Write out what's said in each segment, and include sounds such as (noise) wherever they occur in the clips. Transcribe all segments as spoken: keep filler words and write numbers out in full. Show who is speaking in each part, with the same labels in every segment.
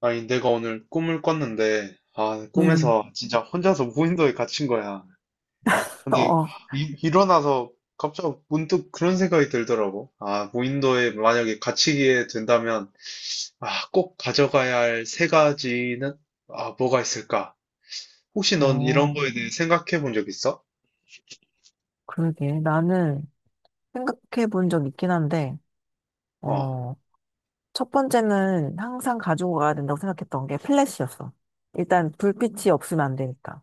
Speaker 1: 아니, 내가 오늘 꿈을 꿨는데, 아,
Speaker 2: 음,
Speaker 1: 꿈에서 진짜 혼자서 무인도에 갇힌 거야. 근데
Speaker 2: 어,
Speaker 1: 아, 이- 일어나서 갑자기 문득 그런 생각이 들더라고. 아, 무인도에 만약에 갇히게 된다면, 아, 꼭 가져가야 할 세 가지는, 아, 뭐가 있을까? 혹시 넌 이런
Speaker 2: 어,
Speaker 1: 거에 대해 생각해 본 적 있어?
Speaker 2: 그러게. 나는 생각해 본 적 있긴 한데,
Speaker 1: 어,
Speaker 2: 어, 첫 번째는 항상 가지고 가야 된다고 생각했던 게 플래시였어. 일단 불빛이 없으면 안 되니까.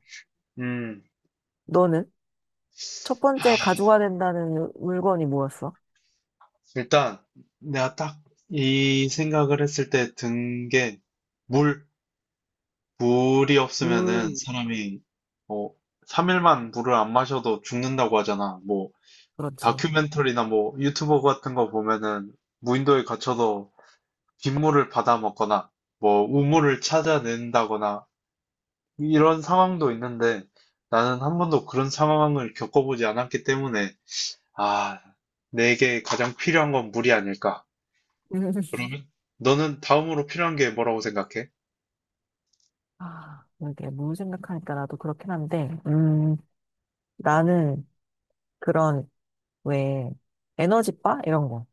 Speaker 1: 음,
Speaker 2: 너는? 첫
Speaker 1: 아,
Speaker 2: 번째 가지고 가야 된다는 물건이 뭐였어?
Speaker 1: 일단 내가 딱 이 생각을 했을 때 든 게, 물. 물이 없으면은
Speaker 2: 물,
Speaker 1: 사람이 뭐 삼 일만 물을 안 마셔도 죽는다고 하잖아. 뭐
Speaker 2: 그렇지.
Speaker 1: 다큐멘터리나 뭐 유튜버 같은 거 보면은 무인도에 갇혀서 빗물을 받아 먹거나 뭐 우물을 찾아낸다거나 이런 상황도 있는데 나는 한 번도 그런 상황을 겪어보지 않았기 때문에 아, 내게 가장 필요한 건 물이 아닐까.
Speaker 2: (laughs) 음.
Speaker 1: 그러면 너는 다음으로 필요한 게 뭐라고 생각해?
Speaker 2: 아, 이게 물 생각하니까 나도 그렇긴 한데, 음, 나는 그런, 왜, 에너지바? 이런 거.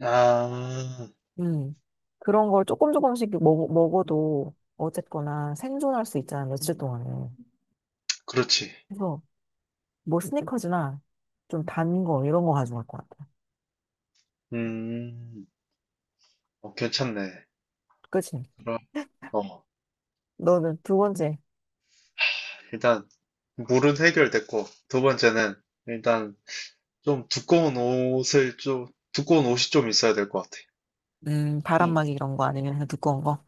Speaker 1: 아,
Speaker 2: 음. 그런 걸 조금 조금씩 먹, 먹어도 어쨌거나 생존할 수 있잖아, 며칠 동안은.
Speaker 1: 그렇지.
Speaker 2: 그래서 뭐 스니커즈나 좀 단 거 이런 거 가져갈 것 같아.
Speaker 1: 음. 어, 괜찮네.
Speaker 2: 그치?
Speaker 1: 그럼, 어,
Speaker 2: 너는 두 번째,
Speaker 1: 일단, 물은 해결됐고, 두 번째는, 일단, 좀 두꺼운 옷을 좀, 두꺼운 옷이 좀 있어야 될 것 같아.
Speaker 2: 음,
Speaker 1: 음.
Speaker 2: 바람막이 이런 거 아니면 그냥 두꺼운 거?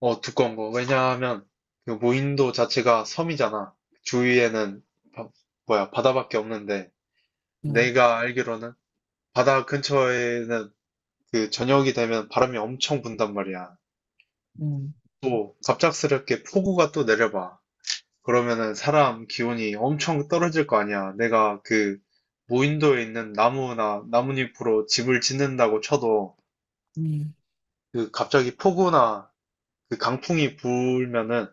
Speaker 1: 어, 두꺼운 거. 왜냐하면, 그 무인도 자체가 섬이잖아. 주위에는, 바- 뭐야, 바다밖에 없는데,
Speaker 2: 음,
Speaker 1: 내가 알기로는, 바다 근처에는, 그, 저녁이 되면 바람이 엄청 분단 말이야.
Speaker 2: 음,
Speaker 1: 또, 갑작스럽게 폭우가 또 내려봐. 그러면은 사람 기온이 엄청 떨어질 거 아니야. 내가 그 무인도에 있는 나무나 나뭇잎으로 집을 짓는다고 쳐도
Speaker 2: 음.
Speaker 1: 그 갑자기 폭우나 그 강풍이 불면은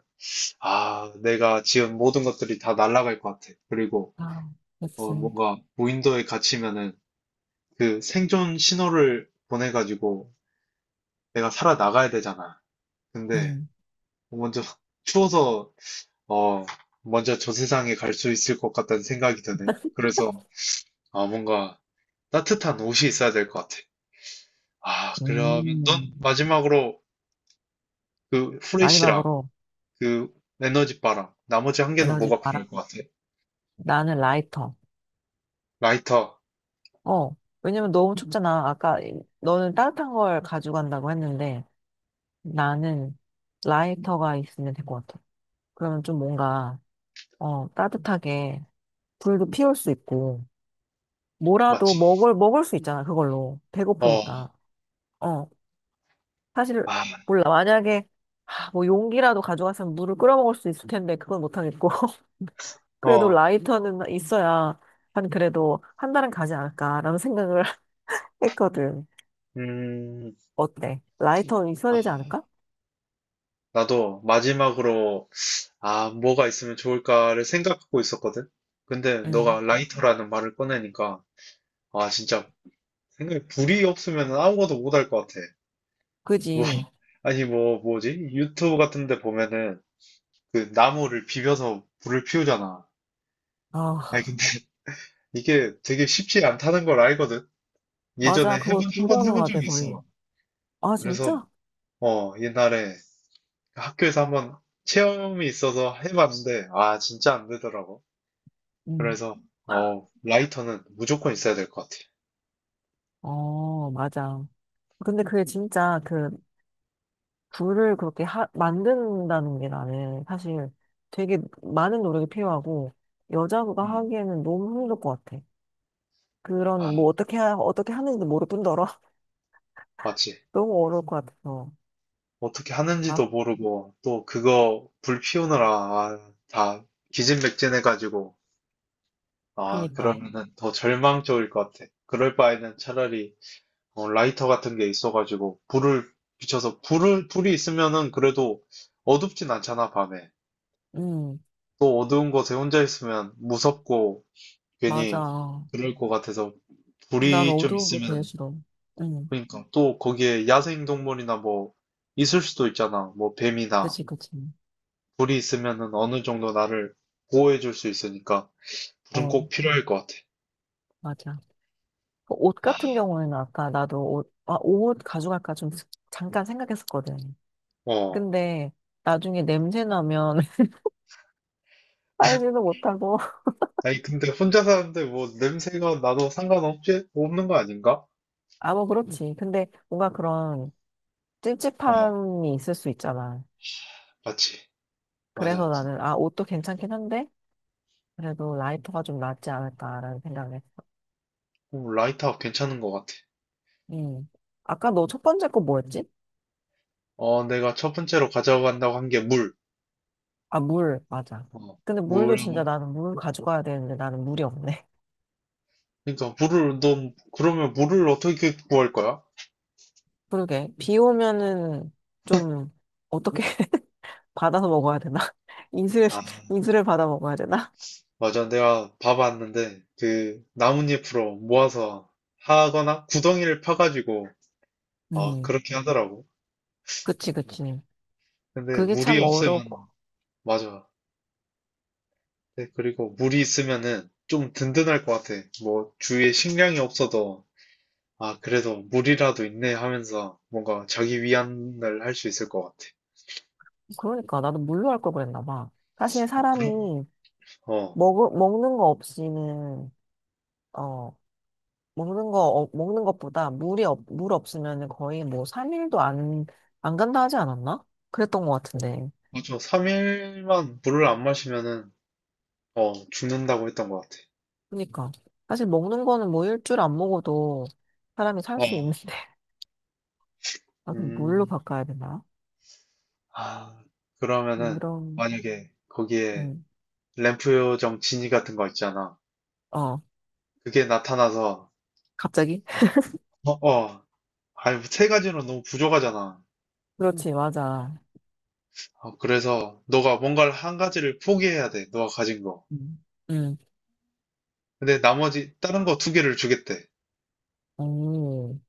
Speaker 1: 아, 내가 지은 모든 것들이 다 날아갈 것 같아. 그리고
Speaker 2: 아,
Speaker 1: 어,
Speaker 2: 그치.
Speaker 1: 뭔가 무인도에 갇히면은 그 생존 신호를 보내가지고 내가 살아나가야 되잖아. 근데
Speaker 2: 음,
Speaker 1: 먼저 (laughs) 추워서 어, 먼저 저 세상에 갈 수 있을 것 같다는 생각이 드네. 그래서 아, 뭔가 따뜻한 옷이 있어야 될 것 같아. 아, 그러면 넌
Speaker 2: 음.
Speaker 1: 마지막으로 그 후레쉬랑
Speaker 2: 마지막으로
Speaker 1: 그 에너지바랑 나머지 한 개는
Speaker 2: 에너지
Speaker 1: 뭐가 필요할
Speaker 2: 바람.
Speaker 1: 것 같아?
Speaker 2: 나는 라이터.
Speaker 1: 라이터,
Speaker 2: 어, 왜냐면 너무 춥잖아. 아까 너는 따뜻한 걸 가져간다고 했는데. 나는 라이터가 있으면 될 것 같아. 그러면 좀 뭔가, 어, 따뜻하게 불도 피울 수 있고, 뭐라도
Speaker 1: 맞지?
Speaker 2: 먹을, 먹을 수 있잖아, 그걸로.
Speaker 1: 어,
Speaker 2: 배고프니까. 어, 사실,
Speaker 1: 아,
Speaker 2: 몰라. 만약에, 하, 뭐 용기라도 가져갔으면 물을 끓여 먹을 수 있을 텐데, 그건 못하겠고. (laughs) 그래도
Speaker 1: 어,
Speaker 2: 라이터는 있어야, 한 그래도 한 달은 가지 않을까라는 생각을 (laughs) 했거든.
Speaker 1: 음,
Speaker 2: 어때? 라이터는 있어야
Speaker 1: 아,
Speaker 2: 되지 않을까?
Speaker 1: 나도 마지막으로 아, 뭐가 있으면 좋을까를 생각하고 있었거든? 근데 너가
Speaker 2: 응,
Speaker 1: 라이터라는 말을 꺼내니까 아, 진짜 생각에 불이 없으면 아무것도 못할 것 같아. 뭐,
Speaker 2: 그지.
Speaker 1: 아니 뭐 뭐지? 유튜브 같은 데 보면은 그 나무를 비벼서 불을 피우잖아. 아니,
Speaker 2: 아,
Speaker 1: 근데 (laughs) 이게 되게 쉽지 않다는 걸 알거든. 예전에
Speaker 2: 맞아. 그거
Speaker 1: 해본, 한 번 해본
Speaker 2: 불가능하대,
Speaker 1: 적이
Speaker 2: 거의.
Speaker 1: 있어.
Speaker 2: 아,
Speaker 1: 그래서,
Speaker 2: 진짜?
Speaker 1: 어, 옛날에 학교에서 한번 체험이 있어서 해봤는데, 아, 진짜 안 되더라고.
Speaker 2: 응.
Speaker 1: 그래서, 어, 라이터는 무조건 있어야 될 것 같아.
Speaker 2: 어, 맞아. 근데 그게 진짜 그 불을 그렇게 하, 만든다는 게 나는 사실 되게 많은 노력이 필요하고 여자가
Speaker 1: 음.
Speaker 2: 하기에는 너무 힘들 것 같아.
Speaker 1: 아,
Speaker 2: 그런 뭐 어떻게 하, 어떻게 하는지도 모를 뿐더러 (laughs)
Speaker 1: 맞지.
Speaker 2: 너무 어려울 것 같아서.
Speaker 1: 어떻게
Speaker 2: 아,
Speaker 1: 하는지도 모르고, 또 그거 불 피우느라, 아, 다 기진맥진해가지고, 아,
Speaker 2: 그니까.
Speaker 1: 그러면은 더 절망적일 것 같아. 그럴 바에는 차라리 어, 라이터 같은 게 있어가지고 불을 비춰서 불을 불이 있으면은 그래도 어둡진 않잖아 밤에
Speaker 2: 음,
Speaker 1: 또 어두운 곳에 혼자 있으면 무섭고 괜히
Speaker 2: 맞아.
Speaker 1: 그럴 것 같아서
Speaker 2: 난
Speaker 1: 불이 좀
Speaker 2: 어두운 거 제일
Speaker 1: 있으면
Speaker 2: 싫어. 음,
Speaker 1: 그러니까 또 거기에 야생동물이나 뭐 있을 수도 있잖아 뭐 뱀이나
Speaker 2: 그치, 그치.
Speaker 1: 불이 있으면은 어느 정도 나를 보호해 줄 수 있으니까 불은
Speaker 2: 어,
Speaker 1: 꼭 필요할 것 같아
Speaker 2: 맞아. 그옷 같은 경우에는 아까 나도 옷, 아, 옷 가져갈까 좀 잠깐 생각했었거든.
Speaker 1: 어
Speaker 2: 근데 나중에 냄새 나면 (laughs) 빨지도 못하고.
Speaker 1: 아니 근데 혼자 사는데 뭐 냄새가 나도 상관없지 없는 거 아닌가
Speaker 2: 아, 뭐, 그렇지. 근데 뭔가 그런
Speaker 1: 어
Speaker 2: 찝찝함이 있을 수 있잖아.
Speaker 1: 맞지 맞아
Speaker 2: 그래서 나는, 아, 옷도 괜찮긴 한데, 그래도 라이터가 좀 낫지 않을까라는 생각을 했어.
Speaker 1: 오, 라이터 괜찮은 것 같아.
Speaker 2: 음. 아까 너 첫 번째 거 뭐였지?
Speaker 1: 어, 내가 첫 번째로 가져간다고 한 게 물.
Speaker 2: 아, 물. 맞아.
Speaker 1: 어,
Speaker 2: 근데 물도
Speaker 1: 물하고. 음.
Speaker 2: 진짜 나는 물 가져가야 되는데 나는 물이 없네.
Speaker 1: 그러니까 물을 너 그러면 물을 어떻게 구할 거야?
Speaker 2: (laughs) 그러게. 비 오면은 좀 어떻게 (laughs) 받아서 먹어야 되나? (laughs) 인수를,
Speaker 1: 아,
Speaker 2: 인수를 받아 먹어야 되나?
Speaker 1: 맞아. 내가 봐봤는데 그 나뭇잎으로 모아서 하거나 구덩이를 파가지고 어,
Speaker 2: 음.
Speaker 1: 그렇게 하더라고.
Speaker 2: 그치, 그치.
Speaker 1: 근데
Speaker 2: 그게
Speaker 1: 물이
Speaker 2: 참 어렵고.
Speaker 1: 없으면 맞아. 네, 그리고 물이 있으면은 좀 든든할 것 같아. 뭐 주위에 식량이 없어도 아, 그래도 물이라도 있네 하면서 뭔가 자기 위안을 할 수 있을 것 같아.
Speaker 2: 그러니까 나도 물로 할 걸 그랬나 봐. 사실
Speaker 1: 어, 그럼
Speaker 2: 사람이
Speaker 1: 어,
Speaker 2: 먹, 먹는 거 없이는, 어, 먹는 거, 어, 먹는 것보다 물이, 없, 물 없으면 거의 뭐 삼 일도 안, 안 간다 하지 않았나? 그랬던 것
Speaker 1: 어,
Speaker 2: 같은데.
Speaker 1: 맞아. 삼 일만 물을 안 마시면은, 어, 죽는다고 했던 것 같아.
Speaker 2: 그러니까. 사실 먹는 거는 뭐 일주일 안 먹어도 사람이 살 수
Speaker 1: 어.
Speaker 2: 있는데. (laughs) 아, 그럼 물로
Speaker 1: 음,
Speaker 2: 바꿔야 되나?
Speaker 1: 아, 그러면은,
Speaker 2: 그럼...
Speaker 1: 만약에 거기에
Speaker 2: 음,
Speaker 1: 램프 요정 지니 같은 거 있잖아.
Speaker 2: 어,
Speaker 1: 그게 나타나서,
Speaker 2: 갑자기?
Speaker 1: 어, 어, 아니, 뭐 세 가지로 너무 부족하잖아.
Speaker 2: (laughs) 그렇지, 맞아.
Speaker 1: 어, 그래서 너가 뭔가를 한 가지를 포기해야 돼. 너가 가진 거.
Speaker 2: 음, 음,
Speaker 1: 근데 나머지 다른 거 두 개를 주겠대.
Speaker 2: 오,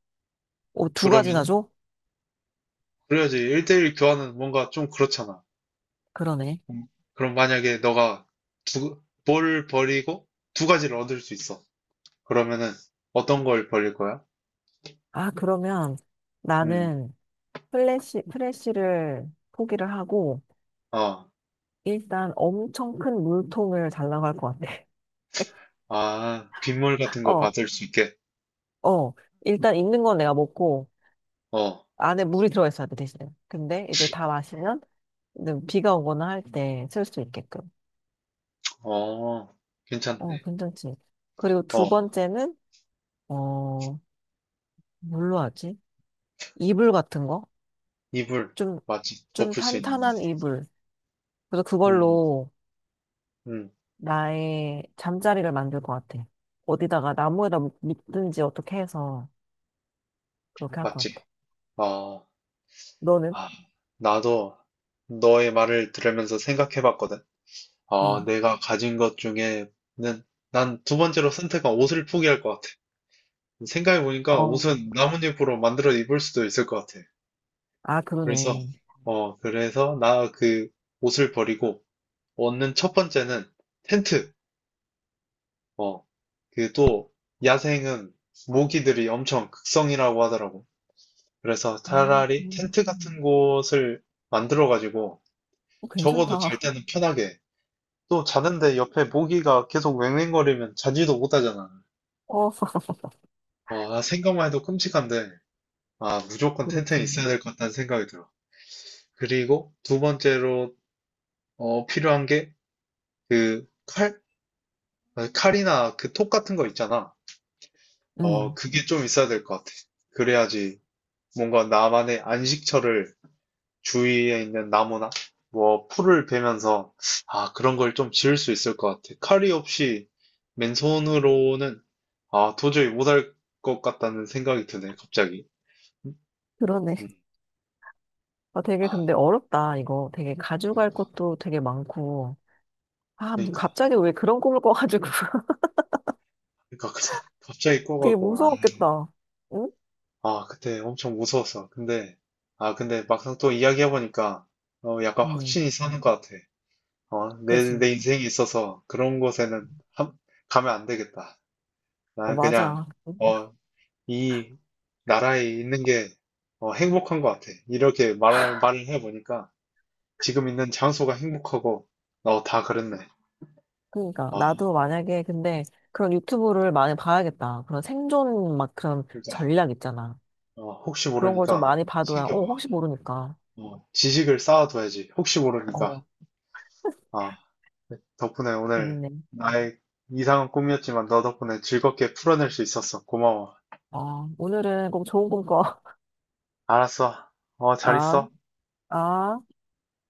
Speaker 2: 오, 두 가지나
Speaker 1: 그러면은,
Speaker 2: 줘?
Speaker 1: 그래야지 일 대일 교환은 뭔가 좀 그렇잖아.
Speaker 2: 그러네.
Speaker 1: 음, 그럼 만약에 너가 두, 뭘 버리고 두 가지를 얻을 수 있어. 그러면은 어떤 걸 버릴 거야?
Speaker 2: 아, 그러면
Speaker 1: 음,
Speaker 2: 나는 플래시, 프레쉬를 포기를 하고,
Speaker 1: 어,
Speaker 2: 일단 엄청 큰 물통을 달라고 할 것 같아.
Speaker 1: 아, 빗물 같은
Speaker 2: (laughs)
Speaker 1: 거
Speaker 2: 어,
Speaker 1: 받을 수 있게.
Speaker 2: 어. 일단 있는 건 내가 먹고,
Speaker 1: 어,
Speaker 2: 안에 물이 들어있어야 돼, 대신에. 근데 이제 다 마시면, 이제 비가 오거나 할 때 쓸 수 있게끔.
Speaker 1: 어,
Speaker 2: 어,
Speaker 1: 괜찮네.
Speaker 2: 괜찮지. 그리고 두
Speaker 1: 어,
Speaker 2: 번째는, 어, 뭘로 하지? 이불 같은 거?
Speaker 1: 이불,
Speaker 2: 좀,
Speaker 1: 맞지?
Speaker 2: 좀
Speaker 1: 덮을 수 있는 거.
Speaker 2: 탄탄한 이불. 그래서
Speaker 1: 음,
Speaker 2: 그걸로
Speaker 1: 음,
Speaker 2: 나의 잠자리를 만들 것 같아. 어디다가 나무에다 묶든지 어떻게 해서 그렇게 할
Speaker 1: 맞지?
Speaker 2: 것 같아.
Speaker 1: 어,
Speaker 2: 너는?
Speaker 1: 아, 나도 너의 말을 들으면서 생각해 봤거든. 어,
Speaker 2: 응.
Speaker 1: 내가 가진 것 중에는 난 두 번째로 선택한 옷을 포기할 것 같아. 생각해보니까
Speaker 2: 어.
Speaker 1: 옷은 나뭇잎으로 만들어 입을 수도 있을 것 같아.
Speaker 2: 아,
Speaker 1: 그래서,
Speaker 2: 그러네.
Speaker 1: 어, 그래서 나 그 옷을 버리고 얻는 첫 번째는 텐트. 어, 그 또 야생은 모기들이 엄청 극성이라고 하더라고. 그래서
Speaker 2: 아,
Speaker 1: 차라리
Speaker 2: 음,
Speaker 1: 텐트 같은
Speaker 2: 음.
Speaker 1: 곳을 만들어가지고
Speaker 2: 어,
Speaker 1: 적어도 잘
Speaker 2: 괜찮다.
Speaker 1: 때는 편하게. 또 자는데 옆에 모기가 계속 웽웽거리면 자지도 못하잖아.
Speaker 2: 어, (laughs)
Speaker 1: 어, 아, 생각만 해도 끔찍한데, 아, 무조건 텐트에
Speaker 2: 그렇지.
Speaker 1: 있어야 될 것 같다는 생각이 들어. 그리고 두 번째로 어, 필요한 게 그 칼? 어, 칼이나 그 톱 같은 거 있잖아. 어,
Speaker 2: 응,
Speaker 1: 그게 좀 있어야 될 것 같아. 그래야지 뭔가 나만의 안식처를 주위에 있는 나무나 뭐 풀을 베면서 아, 그런 걸 좀 지을 수 있을 것 같아. 칼이 없이 맨손으로는 아, 도저히 못할 것 같다는 생각이 드네, 갑자기. 음?
Speaker 2: 그러네.
Speaker 1: 음.
Speaker 2: 아, 되게
Speaker 1: 아,
Speaker 2: 근데 어렵다, 이거. 되게 가져갈
Speaker 1: 그러니까,
Speaker 2: 것도 되게 많고. 아, 뭐
Speaker 1: 그러니까,
Speaker 2: 갑자기 왜 그런 꿈을 꿔가지고. (laughs)
Speaker 1: 그러니까 (laughs) 갑자기
Speaker 2: 되게
Speaker 1: 꺼가고, 아.
Speaker 2: 무서웠겠다. 응?
Speaker 1: 아, 그때 엄청 무서웠어. 근데, 아, 근데 막상 또 이야기해보니까, 어, 약간
Speaker 2: 응,
Speaker 1: 확신이 사는 것 같아. 어, 내,
Speaker 2: 그지.
Speaker 1: 내 인생에 있어서 그런 곳에는 함- 가면 안 되겠다.
Speaker 2: 어,
Speaker 1: 나는 그냥,
Speaker 2: 맞아.
Speaker 1: 어, 이 나라에 있는 게, 어, 행복한 것 같아. 이렇게 말을, 말을 해보니까, 지금 있는 장소가 행복하고, 어, 다 그렇네.
Speaker 2: 그러니까
Speaker 1: 어,
Speaker 2: 나도 만약에 근데 그런 유튜브를 많이 봐야겠다. 그런 생존 막 그런
Speaker 1: 그러니까,
Speaker 2: 전략 있잖아.
Speaker 1: 어, 혹시
Speaker 2: 그런 걸 좀
Speaker 1: 모르니까,
Speaker 2: 많이 봐둬야 어
Speaker 1: 챙겨봐.
Speaker 2: 혹시 모르니까.
Speaker 1: 어, 지식을 쌓아둬야지. 혹시 모르니까.
Speaker 2: 어
Speaker 1: 아, 덕분에 오늘
Speaker 2: 재밌네.
Speaker 1: 나의 이상한 꿈이었지만 너 덕분에 즐겁게 풀어낼 수 있었어. 고마워.
Speaker 2: 어 오늘은 꼭 좋은 꿈꿔.
Speaker 1: 알았어. 어,
Speaker 2: (laughs)
Speaker 1: 잘
Speaker 2: 아
Speaker 1: 있어.
Speaker 2: 아.